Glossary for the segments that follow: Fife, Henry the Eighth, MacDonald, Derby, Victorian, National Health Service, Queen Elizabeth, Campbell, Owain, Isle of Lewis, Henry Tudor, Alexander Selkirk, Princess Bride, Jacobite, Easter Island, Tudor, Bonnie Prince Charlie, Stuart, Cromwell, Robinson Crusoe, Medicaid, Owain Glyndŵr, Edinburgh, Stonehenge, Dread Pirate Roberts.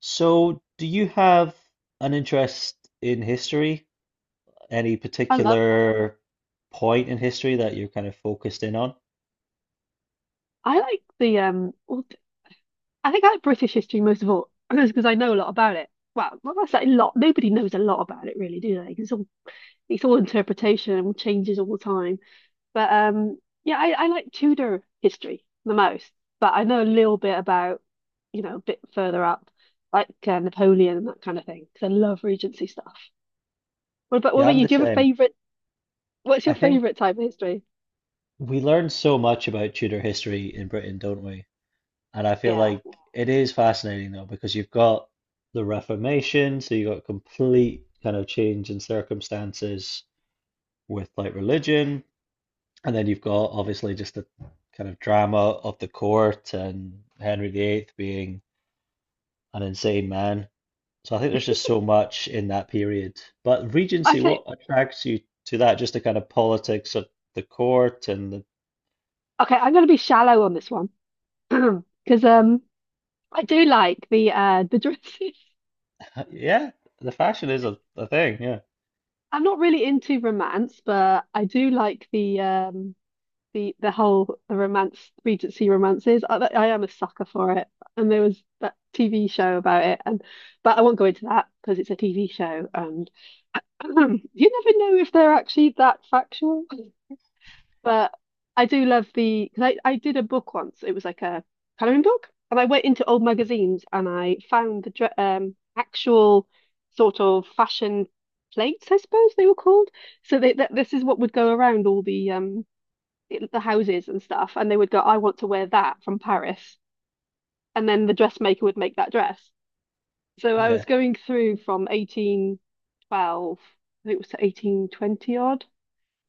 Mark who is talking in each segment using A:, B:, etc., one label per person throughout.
A: So, do you have an interest in history? Any
B: I love
A: particular point in history that you're kind of focused in on?
B: I like the um well, I think I like British history most of all because I know a lot about it. Well, not necessarily a lot. Nobody knows a lot about it really, do they? 'Cause it's all interpretation and changes all the time. But yeah, I like Tudor history the most. But I know a little bit about, you know, a bit further up, like Napoleon and that kind of thing. Because I love Regency stuff. What about what
A: Yeah,
B: about
A: I'm
B: you?
A: the
B: Do you have a
A: same.
B: favorite? What's
A: I
B: your
A: think
B: favorite type of history?
A: we learn so much about Tudor history in Britain, don't we? And I feel
B: Yeah,
A: like it is fascinating though, because you've got the Reformation, so you've got complete kind of change in circumstances with like religion, and then you've got obviously just the kind of drama of the court and Henry VIII being an insane man. So I think there's just so much in that period. But
B: I
A: Regency, what
B: think
A: attracts you to that? Just the kind of politics of the court and the
B: Okay. I'm going to be shallow on this one because. I do like the dresses.
A: yeah, the fashion is a, a thing. Yeah,
B: I'm not really into romance, but I do like the romance Regency romances. I am a sucker for it, and there was that TV show about it, and but I won't go into that because it's a TV show, and you never know if they're actually that factual. But I do love the because I did a book once. It was like a coloring book, and I went into old magazines and I found the actual sort of fashion plates, I suppose they were called. So they, that This is what would go around the houses and stuff, and they would go, "I want to wear that from Paris," and then the dressmaker would make that dress. So I
A: yeah,
B: was going through from 1812, I think it was, to 1820 odd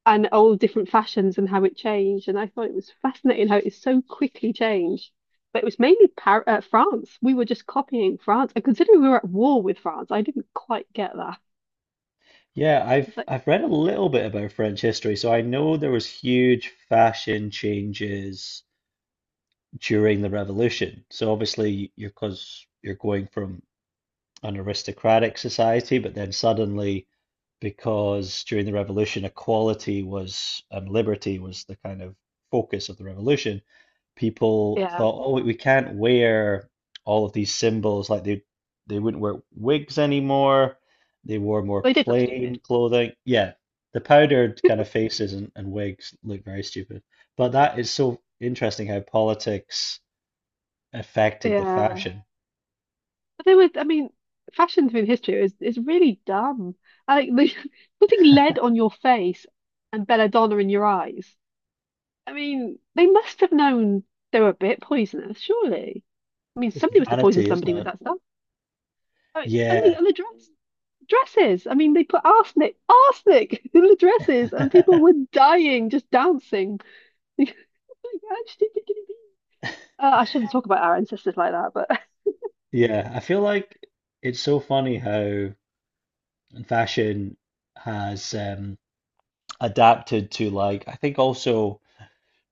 B: and all different fashions and how it changed. And I thought it was fascinating how it so quickly changed. But it was mainly Par France. We were just copying France. And considering we were at war with France, I didn't quite get that.
A: yeah. I've
B: It's like,
A: I've read a little bit about French history, so I know there was huge fashion changes during the revolution. So obviously, you're because you're going from an aristocratic society, but then suddenly, because during the revolution, equality was and liberty was the kind of focus of the revolution, people
B: yeah,
A: thought, oh, we can't wear all of these symbols. Like they wouldn't wear wigs anymore. They wore more
B: they did look stupid.
A: plain clothing. Yeah, the powdered kind of faces and wigs look very stupid. But that is so interesting how politics affected the
B: Yeah,
A: fashion.
B: but they were. I mean, fashion through history is really dumb. I like they, putting lead on your face and belladonna in your eyes. I mean, they must have known they were a bit poisonous, surely. I mean,
A: It's
B: somebody must have poisoned
A: vanity, isn't
B: somebody with
A: it?
B: that stuff. I mean, and the
A: Yeah.
B: and the dress. dresses. I mean, they put arsenic in the dresses, and people were dying just dancing. Like, actually, I shouldn't talk about our ancestors like that, but
A: Yeah, I feel like it's so funny how fashion has adapted to like I think also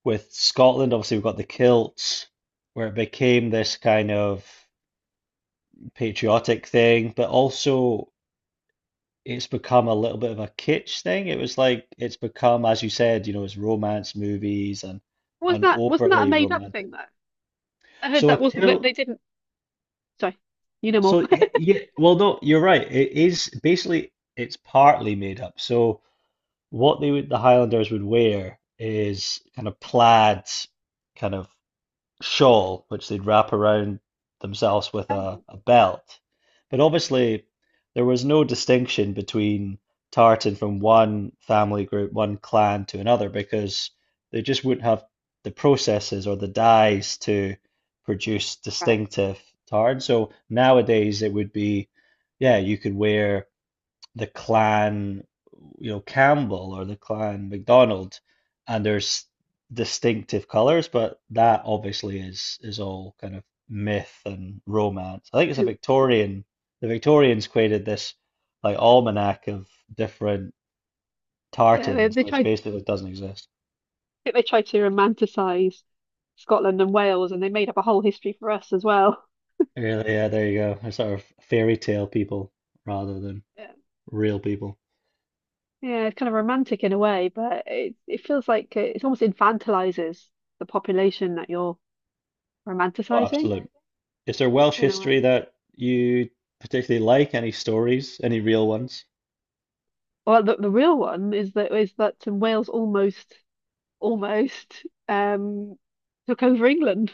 A: with Scotland, obviously we've got the kilts where it became this kind of patriotic thing, but also it's become a little bit of a kitsch thing. It was like it's become, as you said, you know, it's romance movies
B: was
A: and
B: not that wasn't that a
A: overly
B: made up
A: romantic.
B: thing though? I heard
A: So a
B: that they
A: kilt.
B: didn't. Sorry, you know more.
A: So yeah, well, no, you're right. It is basically it's partly made up. So what they would the Highlanders would wear is kind of plaid, kind of shawl which they'd wrap around themselves with
B: All
A: a,
B: right,
A: a belt. But obviously, there was no distinction between tartan from one family group, one clan to another, because they just wouldn't have the processes or the dyes to produce
B: right.
A: distinctive tartan. So nowadays, it would be, yeah, you could wear the clan, you know, Campbell or the clan MacDonald, and there's distinctive colors, but that obviously is all kind of myth and romance. I think it's a Victorian. The Victorians created this like almanac of different
B: Yeah, they,
A: tartans,
B: they
A: which
B: tried. I
A: basically doesn't exist.
B: think they tried to romanticize Scotland and Wales, and they made up a whole history for us as well.
A: Really, yeah, there you go. They're sort of fairy tale people rather than
B: Yeah,
A: real people.
B: yeah, it's kind of romantic in a way, but it feels like it almost infantilizes the population that you're
A: Oh,
B: romanticizing
A: absolutely. Is there Welsh
B: in a way.
A: history that you particularly like? Any stories? Any real ones?
B: Well, the real one is that Wales almost took over England.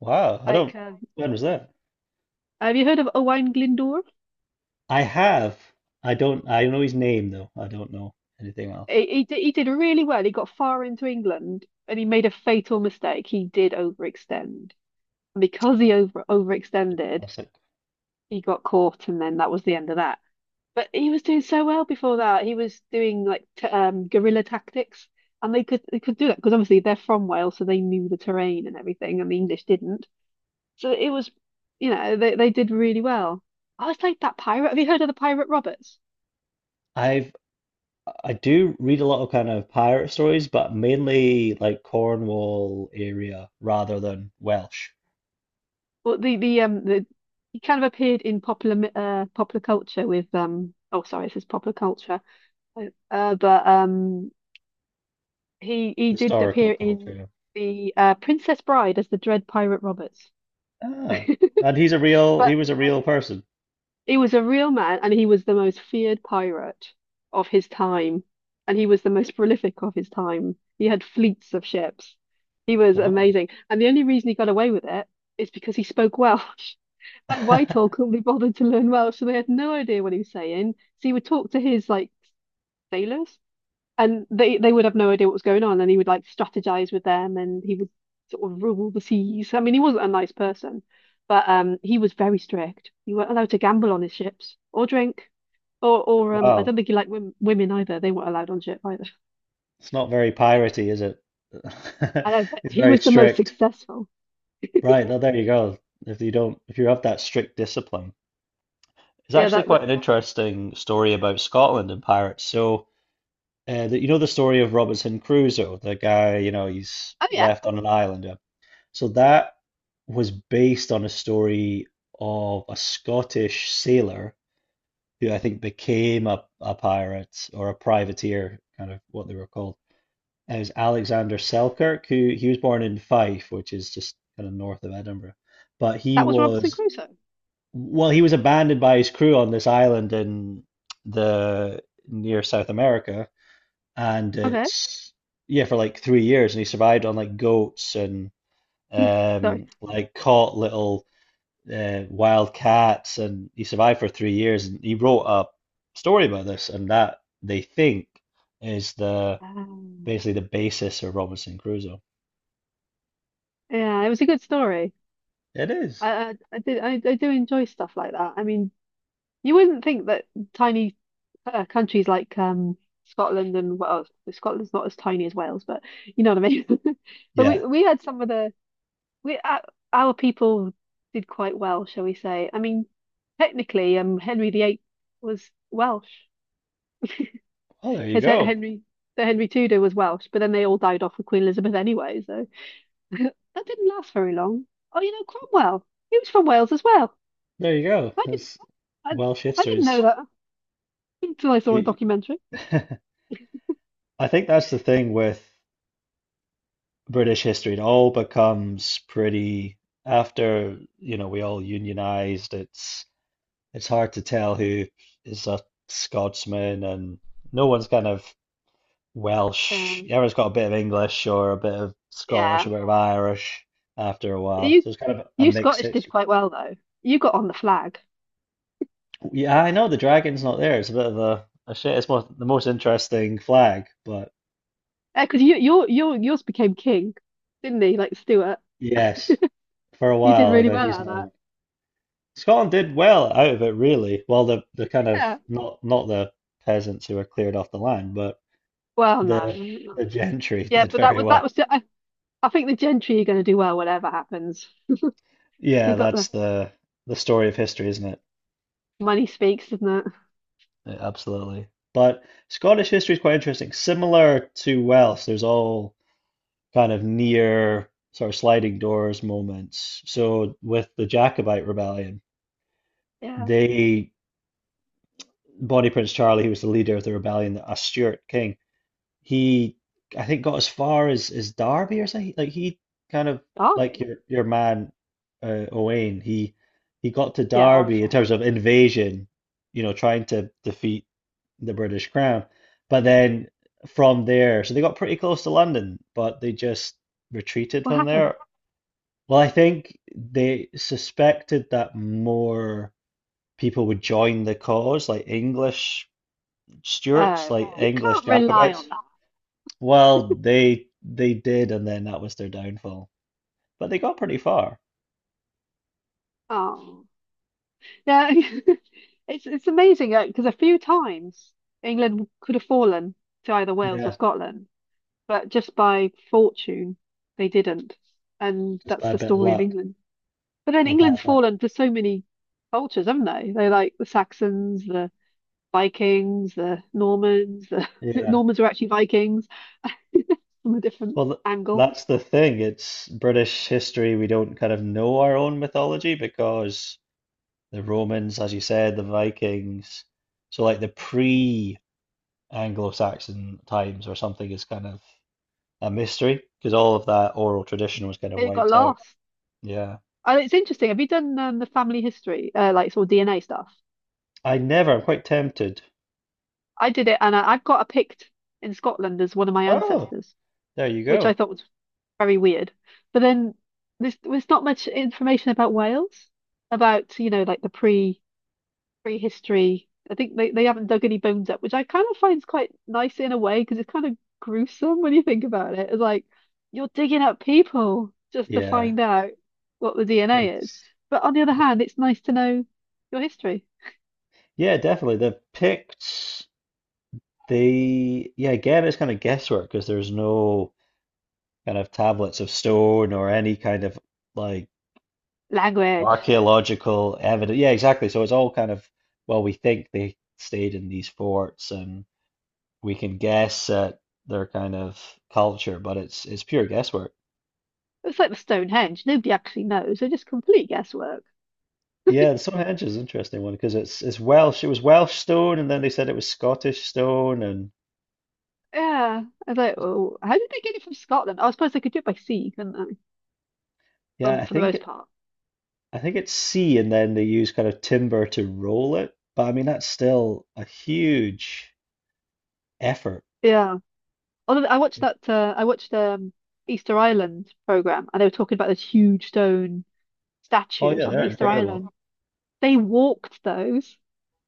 A: Wow, I don't.
B: Like,
A: When was that?
B: have you heard of Owain Glyndŵr?
A: I have. I don't. I know his name though. I don't know anything else.
B: He did really well. He got far into England and he made a fatal mistake. He did overextend. And because he overextended,
A: Classic.
B: he got caught, and then that was the end of that. But he was doing so well before that. He was doing like t guerrilla tactics, and they could do that because obviously they're from Wales, so they knew the terrain and everything, and the English didn't. So it was, you know, they did really well. I was like that pirate. Have you heard of the Pirate Roberts?
A: I've. I do read a lot of kind of pirate stories, but mainly like Cornwall area rather than Welsh
B: Well, the he kind of appeared in popular culture with oh sorry, this is popular culture, but he did
A: historical
B: appear in
A: culture.
B: the Princess Bride as the Dread Pirate Roberts.
A: Ah, and he's a real. He
B: But
A: was a real person.
B: he was a real man, and he was the most feared pirate of his time, and he was the most prolific of his time. He had fleets of ships. He was
A: Wow.
B: amazing, and the only reason he got away with it is because he spoke Welsh. And Whitehall couldn't be bothered to learn Welsh, so they had no idea what he was saying. So he would talk to his like sailors, and they would have no idea what was going on, and he would like strategize with them, and he would sort of rule the seas. I mean, he wasn't a nice person, but he was very strict. You weren't allowed to gamble on his ships or drink. Or I don't
A: Wow.
B: think he liked women either. They weren't allowed on ship either.
A: It's not very piratey, is it?
B: I know, but
A: It's
B: he
A: very
B: was the most
A: strict.
B: successful.
A: Right. Well, there you go. If you don't, if you have that strict discipline. It's
B: Yeah,
A: actually
B: that, that-
A: quite an interesting story about Scotland and pirates. So, the, you know the story of Robinson Crusoe, the guy, you know, he's
B: Oh yeah,
A: left on an island. Yeah. So that was based on a story of a Scottish sailor who I think became a pirate or a privateer, kind of what they were called. And it was Alexander Selkirk, who he was born in Fife, which is just kind of north of Edinburgh. But he
B: that was Robinson
A: was
B: Crusoe.
A: well, he was abandoned by his crew on this island in the near South America, and
B: Okay,
A: it's yeah for like 3 years, and he survived on like goats and
B: sorry.
A: like caught little wild cats, and he survived for 3 years, and he wrote a story about this, and that they think is the
B: Um,
A: basically the basis of Robinson Crusoe.
B: yeah, it was a good story.
A: It is,
B: I do enjoy stuff like that. I mean, you wouldn't think that tiny countries like Scotland and Wales, Scotland's not as tiny as Wales, but you know what I mean. But we
A: yeah.
B: we had some of the we our, our people did quite well, shall we say? I mean, technically, Henry the Eighth was Welsh.
A: Well, there you
B: His Hen-
A: go,
B: Henry the Henry Tudor was Welsh, but then they all died off with Queen Elizabeth anyway, so that didn't last very long. Oh, you know Cromwell, he was from Wales as well.
A: there you go.
B: I didn't
A: That's
B: I,
A: Welsh
B: I
A: history
B: didn't
A: is.
B: know that until I saw a documentary.
A: I think that's the thing with British history. It all becomes pretty after, you know, we all unionized. It's hard to tell who is a Scotsman and no one's kind of
B: Yeah.
A: Welsh. Everyone's got a bit of English or a bit of Scottish,
B: Yeah.
A: a bit of Irish after a while.
B: You
A: So it's kind of a
B: you
A: mixed
B: Scottish did
A: history.
B: quite well though. You got on the flag.
A: Yeah, I know the dragon's not there. It's a bit of a shit. It's more, the most interesting flag, but
B: Because your yours became king, didn't he? Like Stuart.
A: yes, for a
B: You did
A: while, and
B: really
A: then
B: well
A: he's
B: out of
A: not.
B: that.
A: Scotland did well out of it, really. Well, the kind of
B: Yeah.
A: not not the peasants who were cleared off the land, but
B: Well,
A: the
B: no.
A: the gentry
B: Yeah,
A: did
B: but
A: very well.
B: I think the gentry are going to do well whatever happens.
A: Yeah,
B: They got
A: that's
B: the
A: the story of history, isn't it?
B: Money speaks, doesn't it?
A: Yeah, absolutely. But Scottish history is quite interesting. Similar to Welsh, there's all kind of near sort of sliding doors moments. So with the Jacobite rebellion,
B: Yeah.
A: they Bonnie Prince Charlie, who was the leader of the rebellion, a Stuart king he I think got as far as Derby or something. Like he kind of like
B: Derby.
A: your man Owain. He got to
B: Yeah, or,
A: Derby in terms of invasion, you know, trying to defeat the British Crown. But then from there, so they got pretty close to London, but they just retreated
B: what
A: from there.
B: happened?
A: Well, I think they suspected that more people would join the cause, like English Stuarts,
B: Oh,
A: like oh,
B: you
A: English
B: can't rely
A: Jacobites.
B: on that.
A: Well, they did, and then that was their downfall. But they got pretty far.
B: Oh. Yeah, it's amazing because a few times England could have fallen to either Wales or
A: Yeah,
B: Scotland, but just by fortune they didn't, and
A: just by
B: that's
A: a
B: the
A: bit of
B: story of
A: luck
B: England. But then
A: or
B: England's
A: bad luck.
B: fallen to so many cultures, haven't they? They're like the Saxons, the Vikings, the Normans. The
A: Yeah.
B: Normans were actually Vikings from a different
A: Well, th
B: angle.
A: that's the thing. It's British history. We don't kind of know our own mythology because the Romans, as you said, the Vikings. So like the pre-Anglo-Saxon times or something is kind of a mystery because all of that oral tradition was kind of
B: They got
A: wiped out.
B: lost.
A: Yeah.
B: And it's interesting. Have you done the family history, like sort of DNA stuff?
A: I never. I'm quite tempted.
B: I did it, and I've got a Pict in Scotland as one of my
A: Oh,
B: ancestors,
A: there you
B: which I
A: go.
B: thought was very weird. But then there's not much information about Wales, about you know like the pre prehistory. I think they haven't dug any bones up, which I kind of find quite nice in a way because it's kind of gruesome when you think about it. It's like you're digging up people just to
A: Yeah.
B: find out what the DNA is.
A: It's
B: But on the other hand, it's nice to know your history,
A: yeah, definitely. They've picked the yeah, again, it's kind of guesswork because there's no kind of tablets of stone or any kind of like
B: language.
A: archaeological evidence. Yeah, exactly. So it's all kind of well, we think they stayed in these forts and we can guess at their kind of culture, but it's pure guesswork.
B: It's like the Stonehenge. Nobody actually knows. They're just complete guesswork.
A: Yeah, the Stonehenge is an interesting one because it's Welsh. It was Welsh stone, and then they said it was Scottish stone, and
B: Yeah. I was like, oh, how did they get it from Scotland? Oh, I suppose they could do it by sea, couldn't they?
A: yeah,
B: For the most part.
A: I think it's C, and then they use kind of timber to roll it. But I mean, that's still a huge effort.
B: Yeah. Although I watched that, I watched Easter Island program, and they were talking about those huge stone
A: Oh
B: statues
A: yeah,
B: on the
A: they're
B: Easter
A: incredible.
B: Island. They walked those.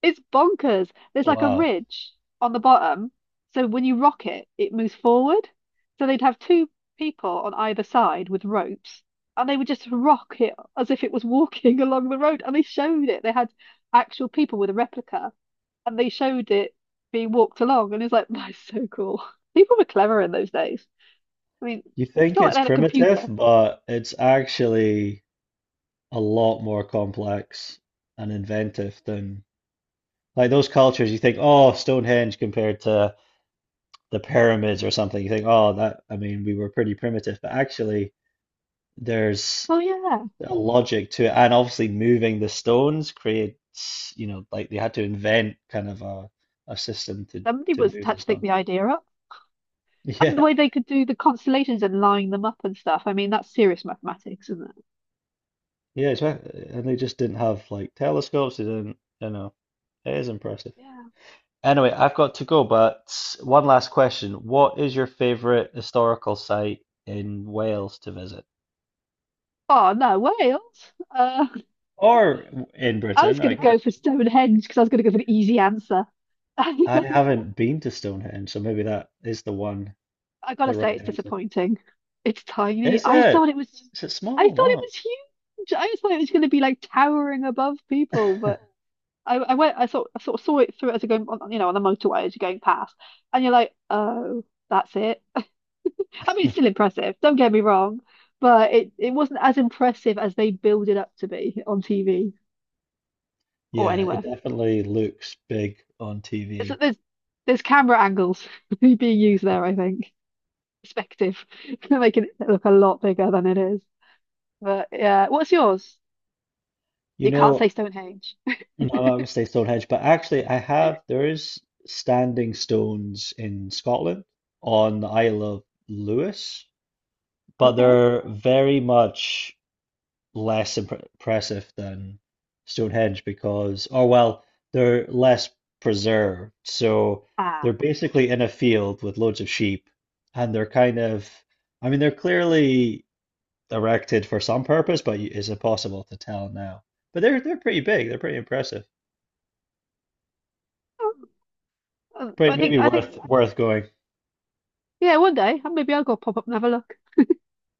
B: It's bonkers. There's like a
A: Wow.
B: ridge on the bottom. So when you rock it, it moves forward. So they'd have two people on either side with ropes and they would just rock it as if it was walking along the road. And they showed it. They had actual people with a replica and they showed it being walked along. And it's like, that's so cool. People were clever in those days. I mean,
A: You
B: it's
A: think
B: not like
A: it's
B: they had a
A: primitive,
B: computer.
A: but it's actually a lot more complex and inventive than like those cultures. You think, oh, Stonehenge compared to the pyramids or something. You think, oh, that, I mean, we were pretty primitive, but actually, there's
B: Oh, yeah.
A: a logic to it, and obviously moving the stones creates, you know, like they had to invent kind of a system
B: Somebody
A: to
B: was
A: move the
B: had to think
A: stone.
B: the idea up. And the
A: Yeah,
B: way they could do the constellations and line them up and stuff. I mean, that's serious mathematics, isn't it?
A: yeah, it's right. And they just didn't have like telescopes. They didn't, you know, it is impressive.
B: Yeah.
A: Anyway, I've got to go, but one last question. What is your favorite historical site in Wales to visit?
B: Oh, no, Wales.
A: Or in
B: I was
A: Britain,
B: going
A: I
B: to
A: guess.
B: go for Stonehenge because I was going to go for an easy answer. I
A: I haven't been to Stonehenge, so maybe that is the one,
B: gotta
A: the
B: say,
A: right
B: it's
A: answer.
B: disappointing. It's tiny.
A: Is it? Is it
B: I thought
A: small?
B: it
A: Wow.
B: was huge. I just thought it was going to be like towering above people, but I sort of saw it through as you're going, on, you know, on the motorway as you're going past, and you're like, oh, that's it. I mean, it's still impressive, don't get me wrong, but it wasn't as impressive as they build it up to be on TV or
A: Yeah, it
B: anywhere.
A: definitely looks big on
B: It's,
A: TV.
B: There's camera angles being used there, I think. Perspective, making it look a lot bigger than it is. But yeah, what's yours?
A: You
B: You can't
A: know,
B: say Stonehenge.
A: and I'm not gonna say Stonehenge, but actually I have there is standing stones in Scotland on the Isle of Lewis, but
B: Okay.
A: they're very much less impressive than Stonehenge because, or well, they're less preserved. So they're
B: Ah.
A: basically in a field with loads of sheep, and they're kind of, I mean, they're clearly erected for some purpose, but is it possible to tell now? But they're pretty big. They're pretty impressive.
B: Oh, oh,
A: Pretty,
B: I think
A: maybe
B: I think
A: worth going.
B: yeah, one day maybe I'll go pop up and have a look.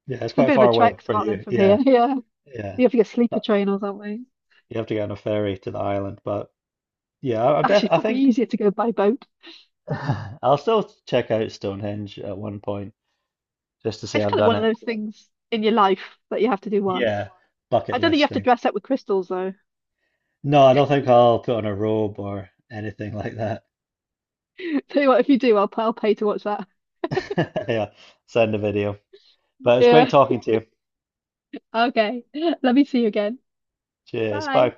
A: Yeah, it's
B: It's a
A: quite
B: bit of a
A: far away
B: trek,
A: for
B: Scotland
A: you.
B: from here.
A: Yeah,
B: Yeah,
A: yeah.
B: you have to get a sleeper
A: Uh,
B: train or something.
A: you have to get on a ferry to the island, but yeah, I'm def
B: Actually,
A: I
B: probably
A: think
B: easier to go by boat.
A: I'll still check out Stonehenge at one point just to say
B: It's
A: I've
B: kind of
A: done
B: one of
A: it.
B: those things in your life that you have to do once.
A: Yeah, bucket
B: I don't think you
A: list
B: have to
A: thing.
B: dress up with crystals though.
A: No, I don't think I'll put on a robe or anything like that.
B: Tell you what, if you do, I'll pay to watch that.
A: Yeah, send a video. But it's great
B: Yeah.
A: talking to you.
B: Okay. Let me see you again.
A: Cheers.
B: Bye.
A: Bye.